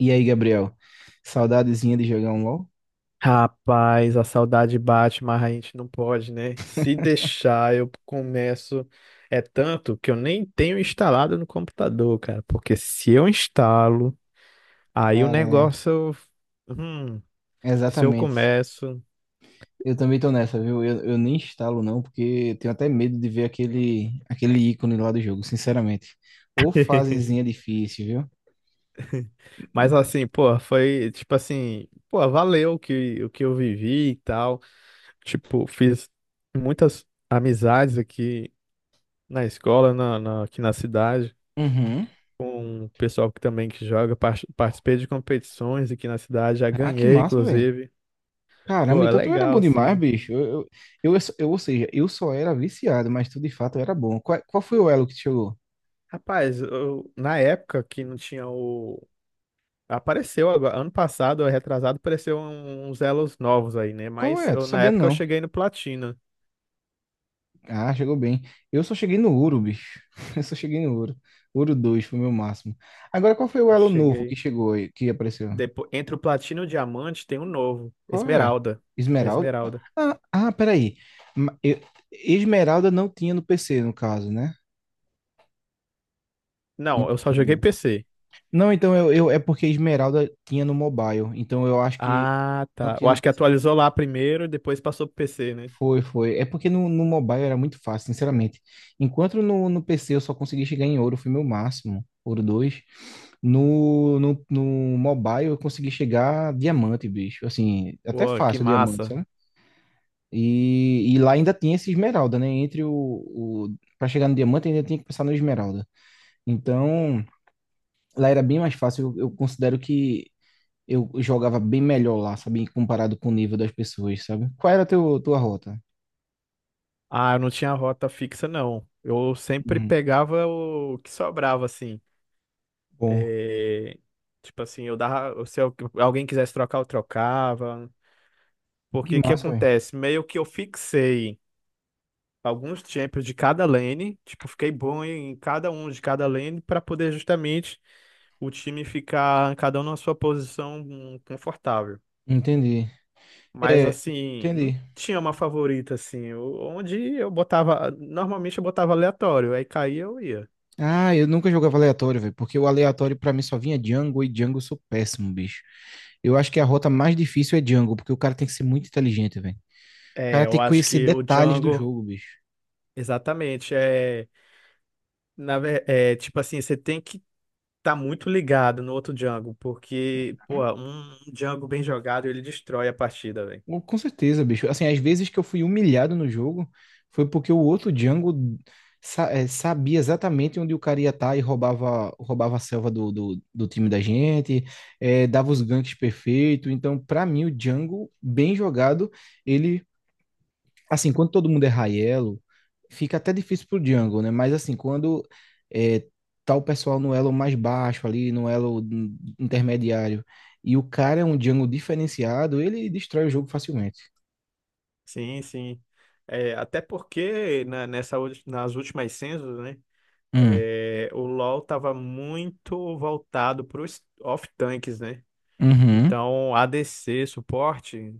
E aí, Gabriel? Saudadezinha de jogar um LoL? Rapaz, a saudade bate, mas a gente não pode, né? Se deixar, eu começo. É tanto que eu nem tenho instalado no computador, cara. Porque se eu instalo, aí o Cara, é. negócio. Hum, se eu Exatamente. começo. Eu também tô nessa, viu? Eu nem instalo, não, porque eu tenho até medo de ver aquele ícone lá do jogo, sinceramente. Ou fasezinha difícil, viu? Mas assim, pô, foi tipo assim, pô, valeu o que eu vivi e tal. Tipo, fiz muitas amizades aqui na escola, aqui na cidade. Uhum. Com o pessoal que também que joga, participei de competições aqui na cidade, já Ah, que ganhei, massa, velho. inclusive. Caramba, Pô, é então tu era legal, bom demais, assim. bicho. Ou seja, eu só era viciado, mas tu de fato era bom. Qual foi o elo que te chegou? Rapaz, na época que não tinha o. Apareceu agora, ano passado, retrasado, apareceu uns elos novos aí, né? Qual Mas é? Tô eu, na sabendo, época eu não. cheguei no platina. Ah, chegou bem. Eu só cheguei no ouro, bicho. Eu só cheguei no ouro. Ouro 2 foi o meu máximo. Agora, qual foi o Eu elo novo que cheguei. chegou aí, que apareceu? Depois, entre o platina e o diamante tem um novo, Qual é? Esmeralda. Esmeralda? Esmeralda. Peraí. Ma- eu- Esmeralda não tinha no PC, no caso, né? Não, Não eu só joguei tinha. PC. Não, então é porque Esmeralda tinha no mobile. Então eu acho que Ah, não tá. tinha Eu no acho que PC. atualizou lá primeiro e depois passou pro PC, né? Foi, foi. É porque no, no mobile era muito fácil, sinceramente. Enquanto no, no PC eu só consegui chegar em ouro, foi meu máximo. Ouro 2. No mobile eu consegui chegar diamante, bicho. Assim, até Pô, que fácil diamante, massa. né? E lá ainda tinha esse esmeralda, né? Entre o para chegar no diamante ainda tinha que passar no esmeralda. Então, lá era bem mais fácil. Eu considero que eu jogava bem melhor lá, sabe? Comparado com o nível das pessoas, sabe? Qual era a teu, tua rota? Ah, eu não tinha rota fixa, não. Eu sempre Uhum. pegava o que sobrava, assim. Bom, É, tipo assim, eu dava. Se alguém quisesse trocar, eu trocava. que Porque o que massa, velho. acontece? Meio que eu fixei alguns champions de cada lane. Tipo, fiquei bom em cada um de cada lane para poder justamente o time ficar cada um na sua posição confortável. Entendi. Mas É, assim, não entendi. tinha uma favorita, assim. Onde eu botava. Normalmente eu botava aleatório. Aí caía, eu ia. Ah, eu nunca jogava aleatório, velho, porque o aleatório pra mim só vinha Django e Django eu sou péssimo, bicho. Eu acho que a rota mais difícil é Django, porque o cara tem que ser muito inteligente, velho. O É, cara tem eu que acho conhecer que o detalhes do Django, jogo, bicho. exatamente, é, é tipo assim, você tem que estar muito ligado no outro Django, porque, Hum? pô, um Django bem jogado, ele destrói a partida, velho. Com certeza, bicho. Assim, às vezes que eu fui humilhado no jogo foi porque o outro Django sabia exatamente onde o cara ia estar e roubava, roubava a selva do time da gente, dava os ganks perfeitos. Então, pra mim, o Django, bem jogado, ele assim, quando todo mundo é Raiello, fica até difícil pro jungle, né? Mas assim, quando é, tá o pessoal no elo mais baixo ali, no elo intermediário, e o cara é um jungle diferenciado, ele destrói o jogo facilmente. Sim, sim. É, até porque nas últimas censos, né, Hum. é, o LoL tava muito voltado para os off-tanks, né? Uhum. Então, ADC, suporte,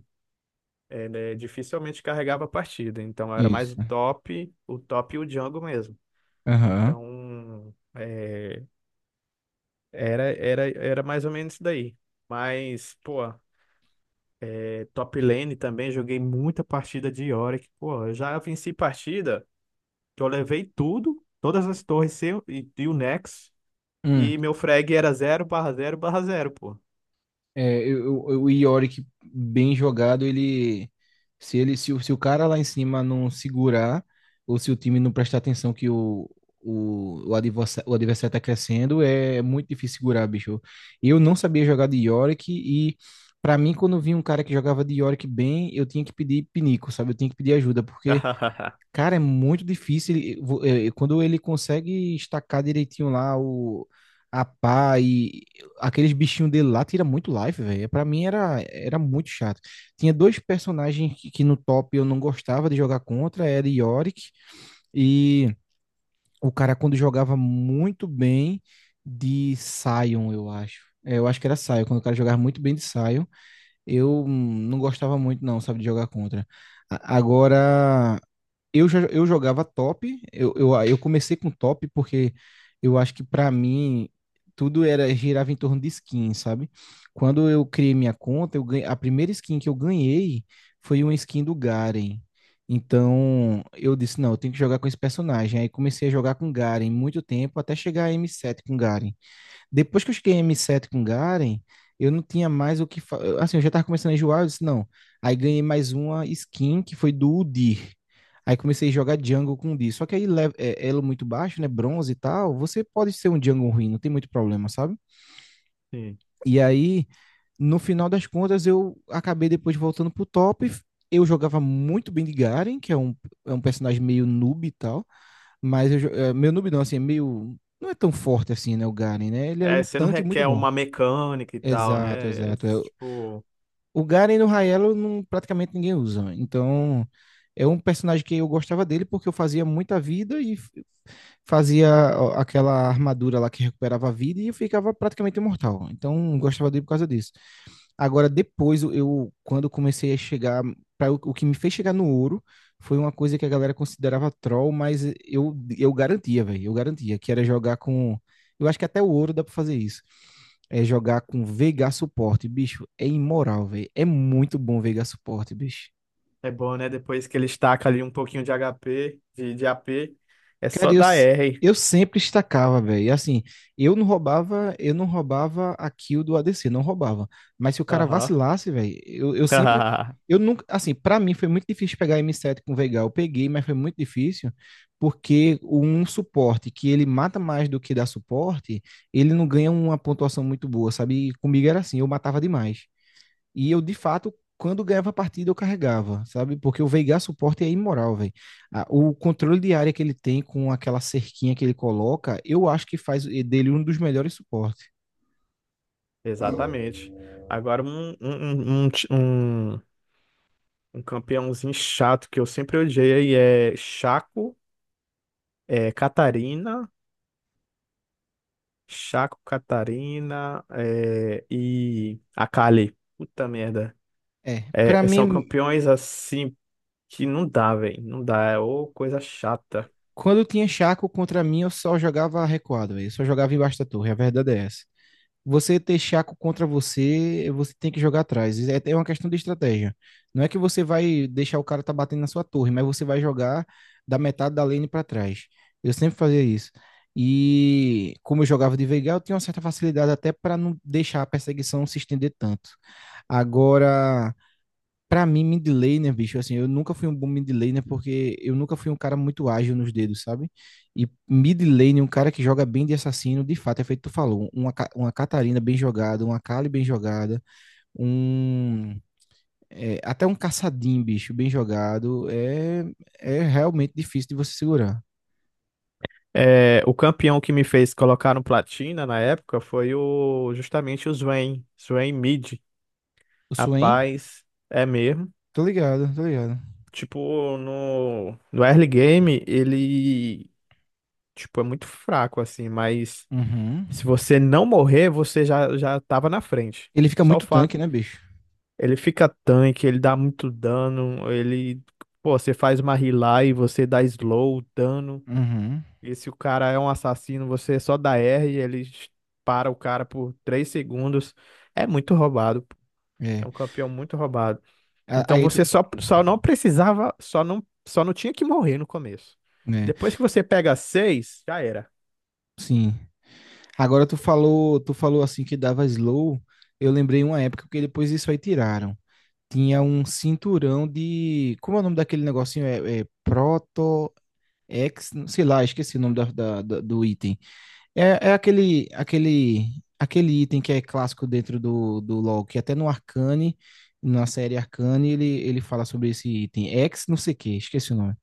é, né, dificilmente carregava a partida. Então, era mais o Isso. top, o top e o Django mesmo. Aham. Então, é, era mais ou menos isso daí. Mas, pô, é, top lane também, joguei muita partida de Yorick. Pô, eu já venci partida que eu levei tudo, todas as torres e o Nex, e meu frag era 0/0/0 pô. É, o Yorick bem jogado, ele se o cara lá em cima não segurar ou se o time não prestar atenção que o adversário, o adversário tá crescendo, é muito difícil segurar, bicho. Eu não sabia jogar de Yorick e pra mim quando eu vi um cara que jogava de Yorick bem, eu tinha que pedir pinico, sabe? Eu tinha que pedir ajuda porque cara, é muito difícil. Quando ele consegue estacar direitinho lá o, a pá e aqueles bichinhos dele lá, tira muito life, velho. Pra mim era, era muito chato. Tinha dois personagens que no top eu não gostava de jogar contra, era Yorick e o cara quando jogava muito bem de Sion, eu acho. É, eu acho que era Sion, quando o cara jogava muito bem de Sion, eu não gostava muito não, sabe, de jogar contra. Agora eu, já, eu jogava top, eu comecei com top porque eu acho que para mim tudo era girava em torno de skin, sabe? Quando eu criei minha conta, eu ganhei, a primeira skin que eu ganhei foi uma skin do Garen. Então eu disse, não, eu tenho que jogar com esse personagem. Aí comecei a jogar com Garen muito tempo até chegar a M7 com Garen. Depois que eu cheguei em M7 com Garen, eu não tinha mais o que. Assim, eu já tava começando a enjoar, eu disse, não. Aí ganhei mais uma skin que foi do Udyr. Aí comecei a jogar jungle com Udyr. Só que aí elo muito baixo, né? Bronze e tal. Você pode ser um jungle ruim, não tem muito problema, sabe? Sim. E aí, no final das contas, eu acabei depois voltando pro top. Eu jogava muito bem de Garen, que é é um personagem meio noob e tal. Mas eu, meu noob não, assim, é meio. Não é tão forte assim, né? O Garen, né? Ele é É, um você não tanque muito requer bom. uma mecânica e tal, Exato, né? É, exato. É, tipo, o Garen no Raelo não, praticamente ninguém usa, né? Então, é um personagem que eu gostava dele porque eu fazia muita vida e fazia ó, aquela armadura lá que recuperava a vida e eu ficava praticamente imortal. Então, eu gostava dele por causa disso. Agora, depois, eu, quando comecei a chegar, pra, o que me fez chegar no ouro foi uma coisa que a galera considerava troll, mas eu garantia, velho, eu garantia, que era jogar com. Eu acho que até o ouro dá pra fazer isso. É jogar com Veigar suporte, bicho, é imoral, velho. É muito bom Veigar suporte, bicho. é bom, né? Depois que ele estaca ali um pouquinho de HP, de AP, é Cara, só eu, dar s- R. eu sempre estacava, velho. Assim, eu não roubava a kill do ADC, não roubava. Mas se o cara Aham. vacilasse, velho, eu sempre. Eu nunca. Assim, pra mim foi muito difícil pegar M7 com Veigar. Eu peguei, mas foi muito difícil, porque um suporte que ele mata mais do que dá suporte, ele não ganha uma pontuação muito boa, sabe? E comigo era assim, eu matava demais. E eu, de fato, quando ganhava a partida, eu carregava, sabe? Porque o Veigar suporte é imoral, velho. Ah, o controle de área que ele tem com aquela cerquinha que ele coloca, eu acho que faz dele um dos melhores suportes. Exatamente. Agora, um campeãozinho chato que eu sempre odiei aí é Chaco, é, Catarina, Chaco, Catarina é, e Akali. Puta merda. É, para É, são mim, campeões assim que não dá, velho. Não dá, é ô coisa chata. quando eu tinha Chaco contra mim, eu só jogava recuado, véio. Eu só jogava embaixo da torre, a verdade é essa. Você ter Chaco contra você, você tem que jogar atrás. É uma questão de estratégia. Não é que você vai deixar o cara tá batendo na sua torre, mas você vai jogar da metade da lane para trás. Eu sempre fazia isso. E como eu jogava de Veigar, eu tinha uma certa facilidade até para não deixar a perseguição se estender tanto. Agora, pra mim, mid laner, bicho, assim, eu nunca fui um bom mid laner porque eu nunca fui um cara muito ágil nos dedos, sabe? E mid laner, um cara que joga bem de assassino, de fato, é feito tu falou, uma Catarina bem jogada, uma Kali bem jogada, um... é, até um caçadinho, bicho, bem jogado, é realmente difícil de você segurar. É, o campeão que me fez colocar no platina na época foi o justamente o Swain, Swain Mid. O Swain? Rapaz, é mesmo. Tô ligado, tô ligado. Tipo, no early game, ele, tipo, é muito fraco, assim, mas Uhum. se você não morrer, você já tava na frente. Ele fica Só o muito fato. tanque, né, bicho? Ele fica tanque, ele dá muito dano, ele, pô, você faz uma healer e você dá slow, dano. Uhum. E se o cara é um assassino, você só dá R e ele para o cara por 3 segundos. É muito roubado. É. É um campeão muito roubado. Então Aí tu... você só não precisava, só não tinha que morrer no começo. né? Depois que você pega seis, já era. Sim. Agora tu falou assim que dava slow. Eu lembrei uma época que depois isso aí tiraram. Tinha um cinturão de. Como é o nome daquele negocinho? É Proto X, sei lá, esqueci o nome do item. É, aquele item que é clássico dentro do LoL, que até no Arcane, na série Arcane, ele fala sobre esse item. X, não sei o que, esqueci o nome.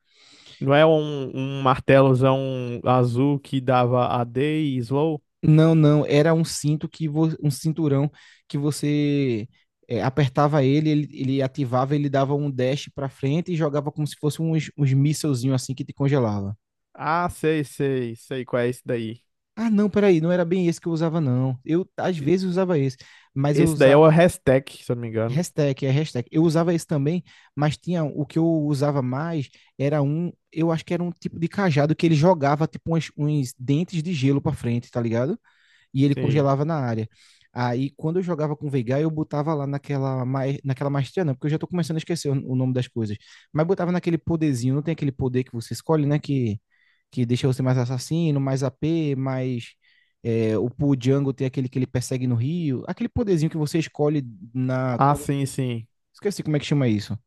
Não é um martelozão azul que dava a D e slow? Não, não, era um cinto que um cinturão que você apertava ele, ele ativava, ele dava um dash pra frente e jogava como se fosse uns mísselzinho assim que te congelava. Ah, sei, sei, sei qual é esse daí. Ah, não, peraí, não era bem esse que eu usava, não. Eu às E- vezes usava esse, mas eu Esse daí é usava o Hextech, se eu não me engano. hashtag, hashtag. Eu usava esse também, mas tinha o que eu usava mais era um, eu acho que era um tipo de cajado que ele jogava tipo uns dentes de gelo pra frente, tá ligado? E ele Sim. congelava na área. Aí, quando eu jogava com o Veigar, eu botava lá naquela maestria, não, porque eu já tô começando a esquecer o nome das coisas. Mas botava naquele poderzinho, não tem aquele poder que você escolhe, né? Que deixa você mais assassino, mais AP, mais. É, o Pu Django tem aquele que ele persegue no Rio. Aquele poderzinho que você escolhe na. Ah, quando- sim, sim. esqueci como é que chama isso.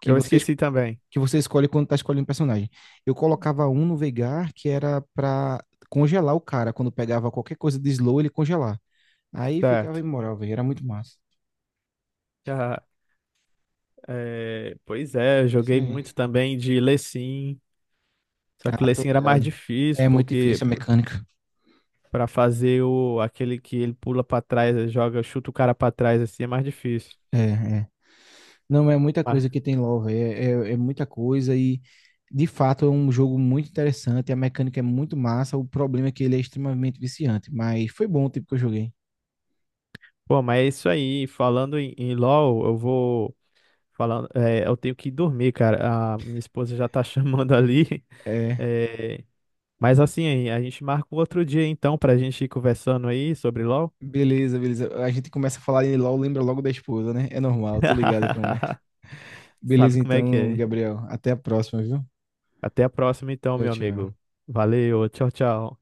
Que Eu você, es- esqueci também. que você escolhe quando tá escolhendo personagem. Eu colocava um no Veigar que era pra congelar o cara. Quando pegava qualquer coisa de slow, ele congelar. Aí ficava Certo. imoral, velho. Era muito massa. Ah, é, pois é, eu Isso joguei aí. muito também de Lecim. Só que o Ah, tô Lecim era mais ligado. difícil, É muito porque difícil a mecânica. pra fazer o aquele que ele pula pra trás, joga, chuta o cara pra trás assim, é mais difícil. É, é. Não, é muita Mas, coisa que tem LoL, velho. É muita coisa e, de fato, é um jogo muito interessante. A mecânica é muito massa. O problema é que ele é extremamente viciante. Mas foi bom o tempo que eu joguei. pô, mas é isso aí. Falando em LoL, eu vou falando, é, eu tenho que ir dormir, cara. A minha esposa já tá chamando ali. É. É, mas assim, a gente marca um outro dia então pra gente ir conversando aí sobre LoL. Beleza, beleza. A gente começa a falar em LoL, lembra logo da esposa, né? É normal, tô ligado como é. Sabe Beleza, como é que então, é? Gabriel. Até a próxima, viu? Até a próxima então, Tchau, meu tchau. amigo. Valeu, tchau, tchau.